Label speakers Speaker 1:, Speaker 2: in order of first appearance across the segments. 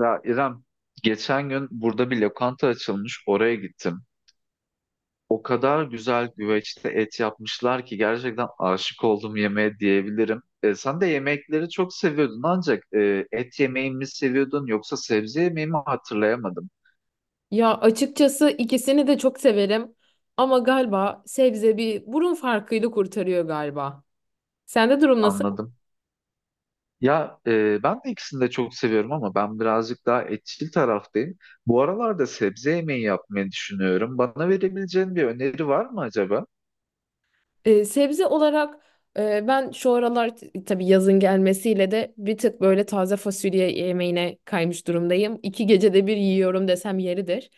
Speaker 1: Ya İrem, geçen gün burada bir lokanta açılmış, oraya gittim. O kadar güzel güveçte et yapmışlar ki gerçekten aşık oldum yemeğe diyebilirim. Sen de yemekleri çok seviyordun ancak et yemeği mi seviyordun yoksa sebze yemeği mi hatırlayamadım,
Speaker 2: Ya açıkçası ikisini de çok severim ama galiba sebze bir burun farkıyla kurtarıyor galiba. Sende durum nasıl?
Speaker 1: anladım. Ya, ben de ikisini de çok seviyorum ama ben birazcık daha etçil taraftayım. Bu aralarda sebze yemeği yapmayı düşünüyorum. Bana verebileceğin bir öneri var mı acaba?
Speaker 2: Sebze olarak ben şu aralar tabii yazın gelmesiyle de bir tık böyle taze fasulye yemeğine kaymış durumdayım. İki gecede bir yiyorum desem yeridir.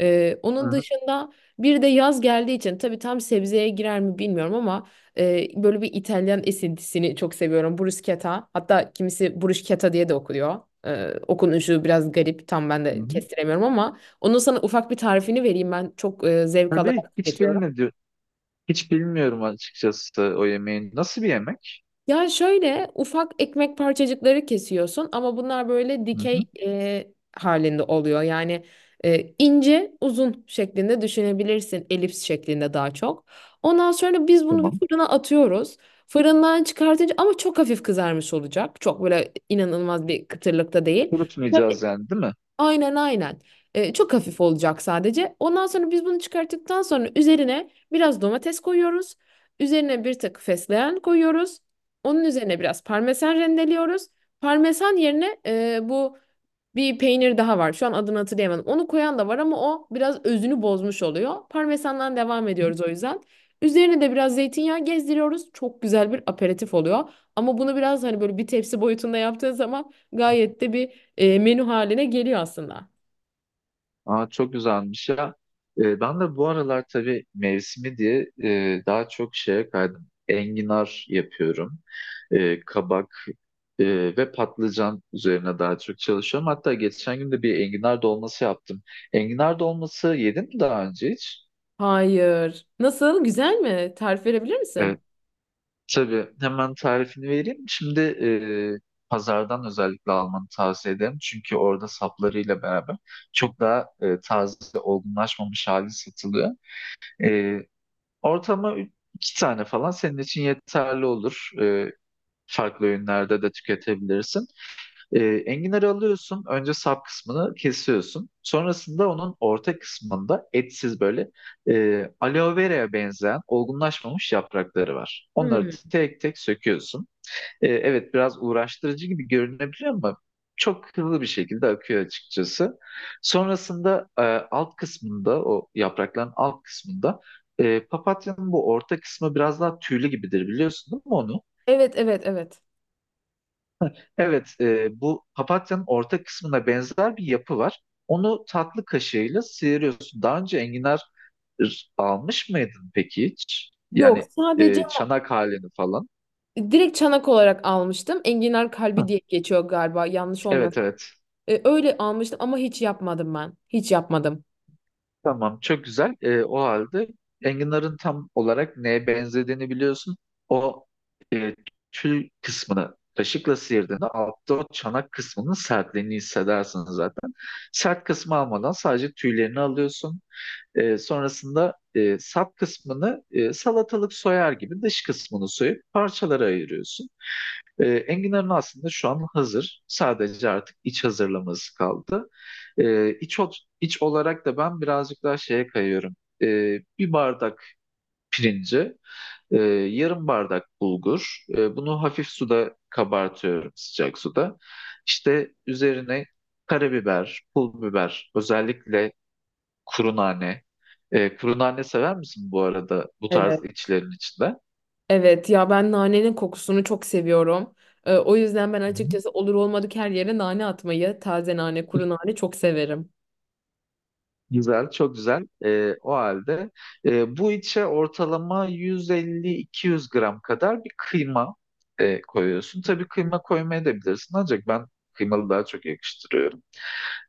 Speaker 1: Hı
Speaker 2: Onun
Speaker 1: hı.
Speaker 2: dışında bir de yaz geldiği için tabii tam sebzeye girer mi bilmiyorum ama böyle bir İtalyan esintisini çok seviyorum. Bruschetta, hatta kimisi bruschetta diye de okuyor. Okunuşu biraz garip, tam ben
Speaker 1: Hı
Speaker 2: de
Speaker 1: hı.
Speaker 2: kestiremiyorum ama onun sana ufak bir tarifini vereyim, ben çok zevk
Speaker 1: Tabii
Speaker 2: alarak
Speaker 1: hiç
Speaker 2: tüketiyorum.
Speaker 1: bilmedi, Hiç bilmiyorum açıkçası o yemeğin. Nasıl bir yemek?
Speaker 2: Ya şöyle ufak ekmek parçacıkları kesiyorsun ama bunlar böyle
Speaker 1: Hı
Speaker 2: dikey
Speaker 1: hı,
Speaker 2: halinde oluyor. Yani ince uzun şeklinde düşünebilirsin. Elips şeklinde daha çok. Ondan sonra biz bunu bir
Speaker 1: tamam.
Speaker 2: fırına atıyoruz. Fırından çıkartınca ama çok hafif kızarmış olacak. Çok böyle inanılmaz bir kıtırlıkta değil.
Speaker 1: Kurutmayacağız yani değil mi?
Speaker 2: Aynen aynen. Çok hafif olacak sadece. Ondan sonra biz bunu çıkarttıktan sonra üzerine biraz domates koyuyoruz. Üzerine bir tık fesleğen koyuyoruz. Onun üzerine biraz parmesan rendeliyoruz. Parmesan yerine bu bir peynir daha var. Şu an adını hatırlayamadım. Onu koyan da var ama o biraz özünü bozmuş oluyor. Parmesandan devam ediyoruz o yüzden. Üzerine de biraz zeytinyağı gezdiriyoruz. Çok güzel bir aperatif oluyor. Ama bunu biraz hani böyle bir tepsi boyutunda yaptığın zaman gayet de bir menü haline geliyor aslında.
Speaker 1: Aa, çok güzelmiş ya. Ben de bu aralar tabii mevsimi diye daha çok şeye kaydım. Enginar yapıyorum. Kabak e, ve patlıcan üzerine daha çok çalışıyorum. Hatta geçen gün de bir enginar dolması yaptım. Enginar dolması yedim mi daha önce hiç?
Speaker 2: Hayır. Nasıl? Güzel mi? Tarif verebilir misin?
Speaker 1: Tabii hemen tarifini vereyim. Şimdi e, pazardan özellikle almanı tavsiye ederim. Çünkü orada saplarıyla beraber çok daha taze, olgunlaşmamış hali satılıyor. E, Ortama iki tane falan senin için yeterli olur. Farklı öğünlerde de tüketebilirsin. Enginarı alıyorsun. Önce sap kısmını kesiyorsun. Sonrasında onun orta kısmında etsiz böyle aloe vera'ya benzeyen olgunlaşmamış yaprakları var. Onları
Speaker 2: Hmm.
Speaker 1: tek tek söküyorsun. Evet, biraz uğraştırıcı gibi görünebiliyor ama çok hızlı bir şekilde akıyor açıkçası. Sonrasında, alt kısmında o yaprakların alt kısmında papatyanın bu orta kısmı biraz daha tüylü gibidir, biliyorsun değil mi onu?
Speaker 2: Evet, evet, evet.
Speaker 1: Evet, bu papatyanın orta kısmına benzer bir yapı var. Onu tatlı kaşığıyla sıyırıyorsun. Daha önce enginar almış mıydın peki hiç?
Speaker 2: Yok,
Speaker 1: Yani
Speaker 2: sadece
Speaker 1: e, çanak halini falan.
Speaker 2: direkt çanak olarak almıştım. Enginar kalbi
Speaker 1: Hı.
Speaker 2: diye geçiyor galiba. Yanlış
Speaker 1: Evet,
Speaker 2: olmasın.
Speaker 1: evet.
Speaker 2: E, öyle almıştım ama hiç yapmadım ben. Hiç yapmadım.
Speaker 1: Tamam, çok güzel. O halde enginarın tam olarak neye benzediğini biliyorsun. O tül kısmını kaşıkla sıyırdığında altta o çanak kısmının sertliğini hissedersin zaten. Sert kısmı almadan sadece tüylerini alıyorsun. Sonrasında, sap kısmını salatalık soyar gibi dış kısmını soyup parçalara ayırıyorsun. Enginarın aslında şu an hazır. Sadece artık iç hazırlaması kaldı. İç, ot- iç olarak da ben birazcık daha şeye kayıyorum. Bir bardak pirinci, e, yarım bardak bulgur. Bunu hafif suda kabartıyorum, sıcak suda. İşte üzerine karabiber, pul biber, özellikle kuru nane. Kuru nane sever misin bu arada bu
Speaker 2: Evet.
Speaker 1: tarz içlerin içinde?
Speaker 2: Evet ya, ben nanenin kokusunu çok seviyorum. O yüzden ben açıkçası olur olmadık her yere nane atmayı, taze nane, kuru nane çok severim.
Speaker 1: Güzel, çok güzel. O halde, bu içe ortalama 150-200 gram kadar bir kıyma koyuyorsun. Tabii kıyma koymaya da bilirsin ancak ben kıymalı daha çok yakıştırıyorum.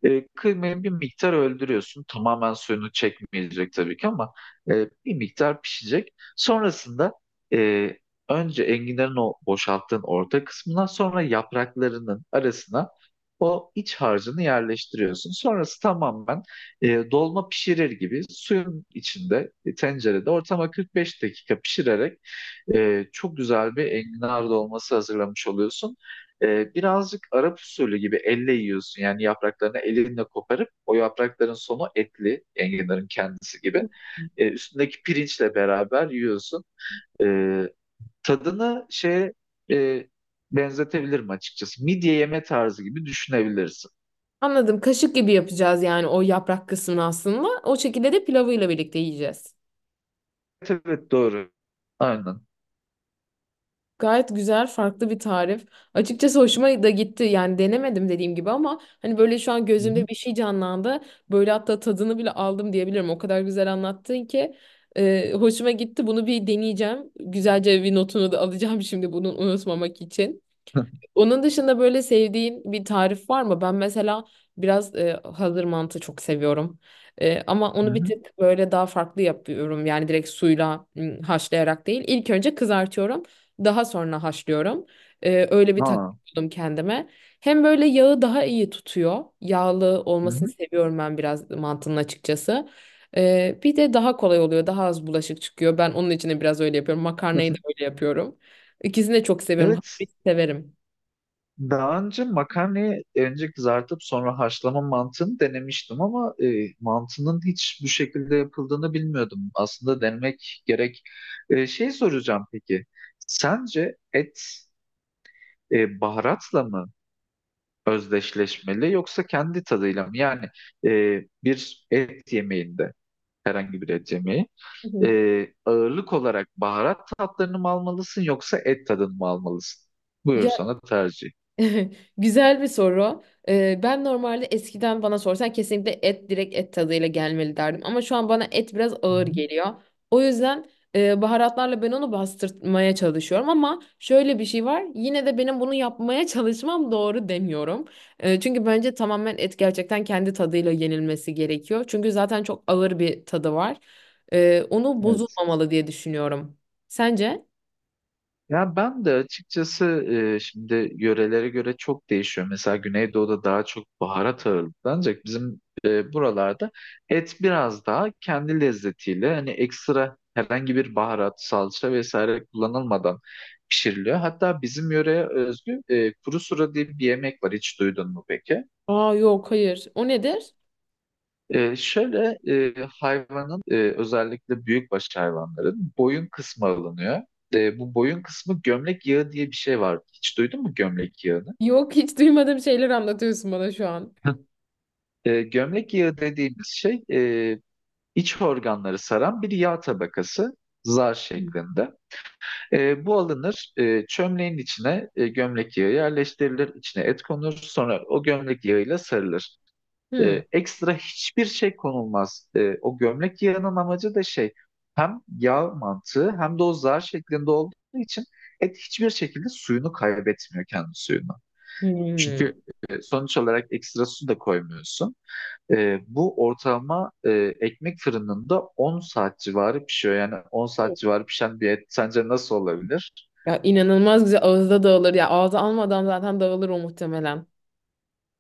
Speaker 1: Kıymayı bir miktar öldürüyorsun. Tamamen suyunu çekmeyecek tabii ki ama e, bir miktar pişecek. Sonrasında e, önce enginlerin o boşalttığın orta kısmına sonra yapraklarının arasına o iç harcını yerleştiriyorsun. Sonrası tamamen dolma pişirir gibi suyun içinde, tencerede ortama 45 dakika pişirerek çok güzel bir enginar dolması hazırlamış oluyorsun. Birazcık Arap usulü gibi elle yiyorsun. Yani yapraklarını elinle koparıp o yaprakların sonu etli enginarın kendisi gibi. Üstündeki pirinçle beraber yiyorsun. E, Tadını şeye e, benzetebilirim açıkçası. Midye yeme tarzı gibi düşünebilirsin.
Speaker 2: Anladım. Kaşık gibi yapacağız yani o yaprak kısmını aslında. O şekilde de pilavıyla birlikte yiyeceğiz.
Speaker 1: Evet, evet, doğru. Aynen.
Speaker 2: Gayet güzel, farklı bir tarif. Açıkçası hoşuma da gitti. Yani denemedim dediğim gibi ama hani böyle şu an
Speaker 1: Hı hı.
Speaker 2: gözümde bir şey canlandı. Böyle hatta tadını bile aldım diyebilirim. O kadar güzel anlattın ki hoşuma gitti. Bunu bir deneyeceğim. Güzelce bir notunu da alacağım şimdi bunu unutmamak için. Onun dışında böyle sevdiğin bir tarif var mı? Ben mesela biraz hazır mantı çok seviyorum. E, ama
Speaker 1: Hı
Speaker 2: onu bir
Speaker 1: hı.
Speaker 2: tık böyle daha farklı yapıyorum. Yani direkt suyla haşlayarak değil. İlk önce kızartıyorum. Daha sonra haşlıyorum. E, öyle bir
Speaker 1: Aa.
Speaker 2: taktik buldum kendime. Hem böyle yağı daha iyi tutuyor. Yağlı
Speaker 1: Hı
Speaker 2: olmasını
Speaker 1: hı.
Speaker 2: seviyorum ben biraz mantının açıkçası. E, bir de daha kolay oluyor. Daha az bulaşık çıkıyor. Ben onun için de biraz öyle yapıyorum. Makarnayı da öyle yapıyorum. İkisini de çok seviyorum.
Speaker 1: Evet.
Speaker 2: Hafif severim.
Speaker 1: Daha önce makarnayı önce kızartıp sonra haşlama mantığını denemiştim ama mantının hiç bu şekilde yapıldığını bilmiyordum. Aslında denemek gerek. Şey soracağım peki. Sence et baharatla mı özdeşleşmeli yoksa kendi tadıyla mı? Yani e, bir et yemeğinde, herhangi bir et yemeği,
Speaker 2: Hı hı.
Speaker 1: ağırlık olarak baharat tatlarını mı almalısın yoksa et tadını mı almalısın? Buyur
Speaker 2: Ya
Speaker 1: sana tercih.
Speaker 2: güzel bir soru. Ben normalde eskiden bana sorsan kesinlikle et direkt et tadıyla gelmeli derdim. Ama şu an bana et biraz
Speaker 1: Hı
Speaker 2: ağır
Speaker 1: hı.
Speaker 2: geliyor. O yüzden baharatlarla ben onu bastırmaya çalışıyorum. Ama şöyle bir şey var. Yine de benim bunu yapmaya çalışmam doğru demiyorum. E, çünkü bence tamamen et gerçekten kendi tadıyla yenilmesi gerekiyor. Çünkü zaten çok ağır bir tadı var. E, onu
Speaker 1: Evet.
Speaker 2: bozulmamalı diye düşünüyorum. Sence?
Speaker 1: Ya, ben de açıkçası, şimdi yörelere göre çok değişiyor. Mesela Güneydoğu'da daha çok baharat ağırlıklı ancak bizim buralarda et biraz daha kendi lezzetiyle, hani ekstra herhangi bir baharat, salça vesaire kullanılmadan pişiriliyor. Hatta bizim yöreye özgü kuru sura diye bir yemek var. Hiç duydun mu peki?
Speaker 2: Aa yok, hayır. O nedir?
Speaker 1: Şöyle, hayvanın, özellikle büyükbaş hayvanların boyun kısmı alınıyor. Bu boyun kısmı, gömlek yağı diye bir şey var. Hiç duydun mu gömlek yağını?
Speaker 2: Yok, hiç duymadığım şeyler anlatıyorsun bana şu an.
Speaker 1: Gömlek yağı dediğimiz şey, iç organları saran bir yağ tabakası, zar şeklinde. Bu alınır, çömleğin içine gömlek yağı yerleştirilir, içine et konur sonra o gömlek yağıyla sarılır.
Speaker 2: Hmm.
Speaker 1: Ekstra hiçbir şey konulmaz. O gömlek yağının amacı da şey, hem yağ mantığı hem de o zar şeklinde olduğu için et hiçbir şekilde suyunu kaybetmiyor, kendi suyunu.
Speaker 2: Hmm.
Speaker 1: Çünkü sonuç olarak ekstra su da koymuyorsun. Bu ortalama, ekmek fırınında 10 saat civarı pişiyor. Yani 10 saat civarı pişen bir et sence nasıl olabilir?
Speaker 2: Ya inanılmaz güzel, ağızda dağılır. Ya ağza almadan zaten dağılır o muhtemelen.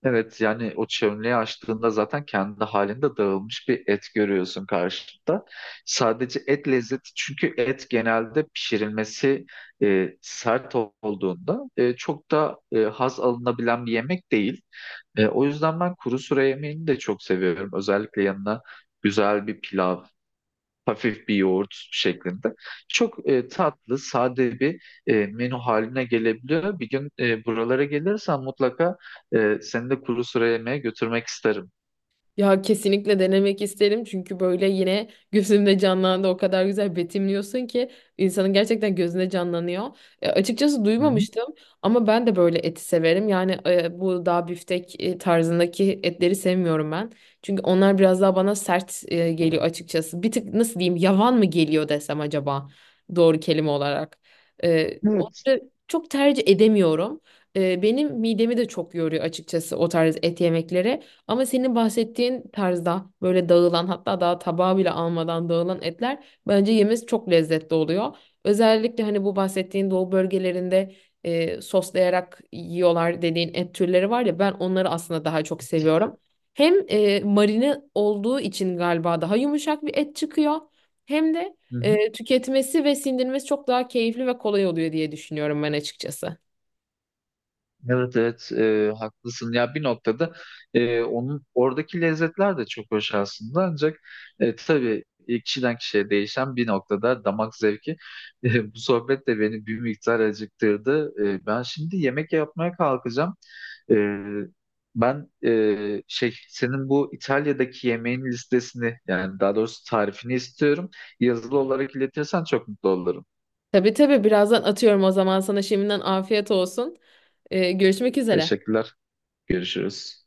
Speaker 1: Evet, yani o çömleği açtığında zaten kendi halinde dağılmış bir et görüyorsun karşında. Sadece et lezzeti, çünkü et genelde pişirilmesi sert olduğunda çok da haz alınabilen bir yemek değil. O yüzden ben kuru sura yemeğini de çok seviyorum. Özellikle yanına güzel bir pilav, hafif bir yoğurt şeklinde. Çok tatlı, sade bir menü haline gelebiliyor. Bir gün, buralara gelirsen mutlaka seni de kuru sıra yemeğe götürmek isterim.
Speaker 2: Ya kesinlikle denemek isterim çünkü böyle yine gözümde canlandı, o kadar güzel betimliyorsun ki insanın gerçekten gözünde canlanıyor. E, açıkçası
Speaker 1: Hı hı.
Speaker 2: duymamıştım ama ben de böyle eti severim. Yani bu daha biftek tarzındaki etleri sevmiyorum ben. Çünkü onlar biraz daha bana sert geliyor açıkçası. Bir tık nasıl diyeyim, yavan mı geliyor desem acaba doğru kelime olarak. E,
Speaker 1: Evet.
Speaker 2: onları çok tercih edemiyorum. E, benim midemi de çok yoruyor açıkçası o tarz et yemekleri. Ama senin bahsettiğin tarzda böyle dağılan, hatta daha tabağı bile almadan dağılan etler bence yemesi çok lezzetli oluyor. Özellikle hani bu bahsettiğin doğu bölgelerinde soslayarak yiyorlar dediğin et türleri var ya, ben onları aslında daha çok seviyorum. Hem marine olduğu için galiba daha yumuşak bir et çıkıyor. Hem de
Speaker 1: Hı hı.
Speaker 2: tüketmesi ve sindirmesi çok daha keyifli ve kolay oluyor diye düşünüyorum ben açıkçası.
Speaker 1: Evet, evet, haklısın ya, bir noktada onun oradaki lezzetler de çok hoş aslında, ancak tabii, kişiden kişiye değişen bir noktada damak zevki. Bu sohbet de beni bir miktar acıktırdı. Ben şimdi yemek yapmaya kalkacağım. Ee, ben senin bu İtalya'daki yemeğin listesini, yani daha doğrusu tarifini istiyorum. Yazılı olarak iletirsen çok mutlu olurum.
Speaker 2: Tabii tabii, birazdan atıyorum o zaman sana, şimdiden afiyet olsun. E, görüşmek üzere.
Speaker 1: Teşekkürler. Görüşürüz.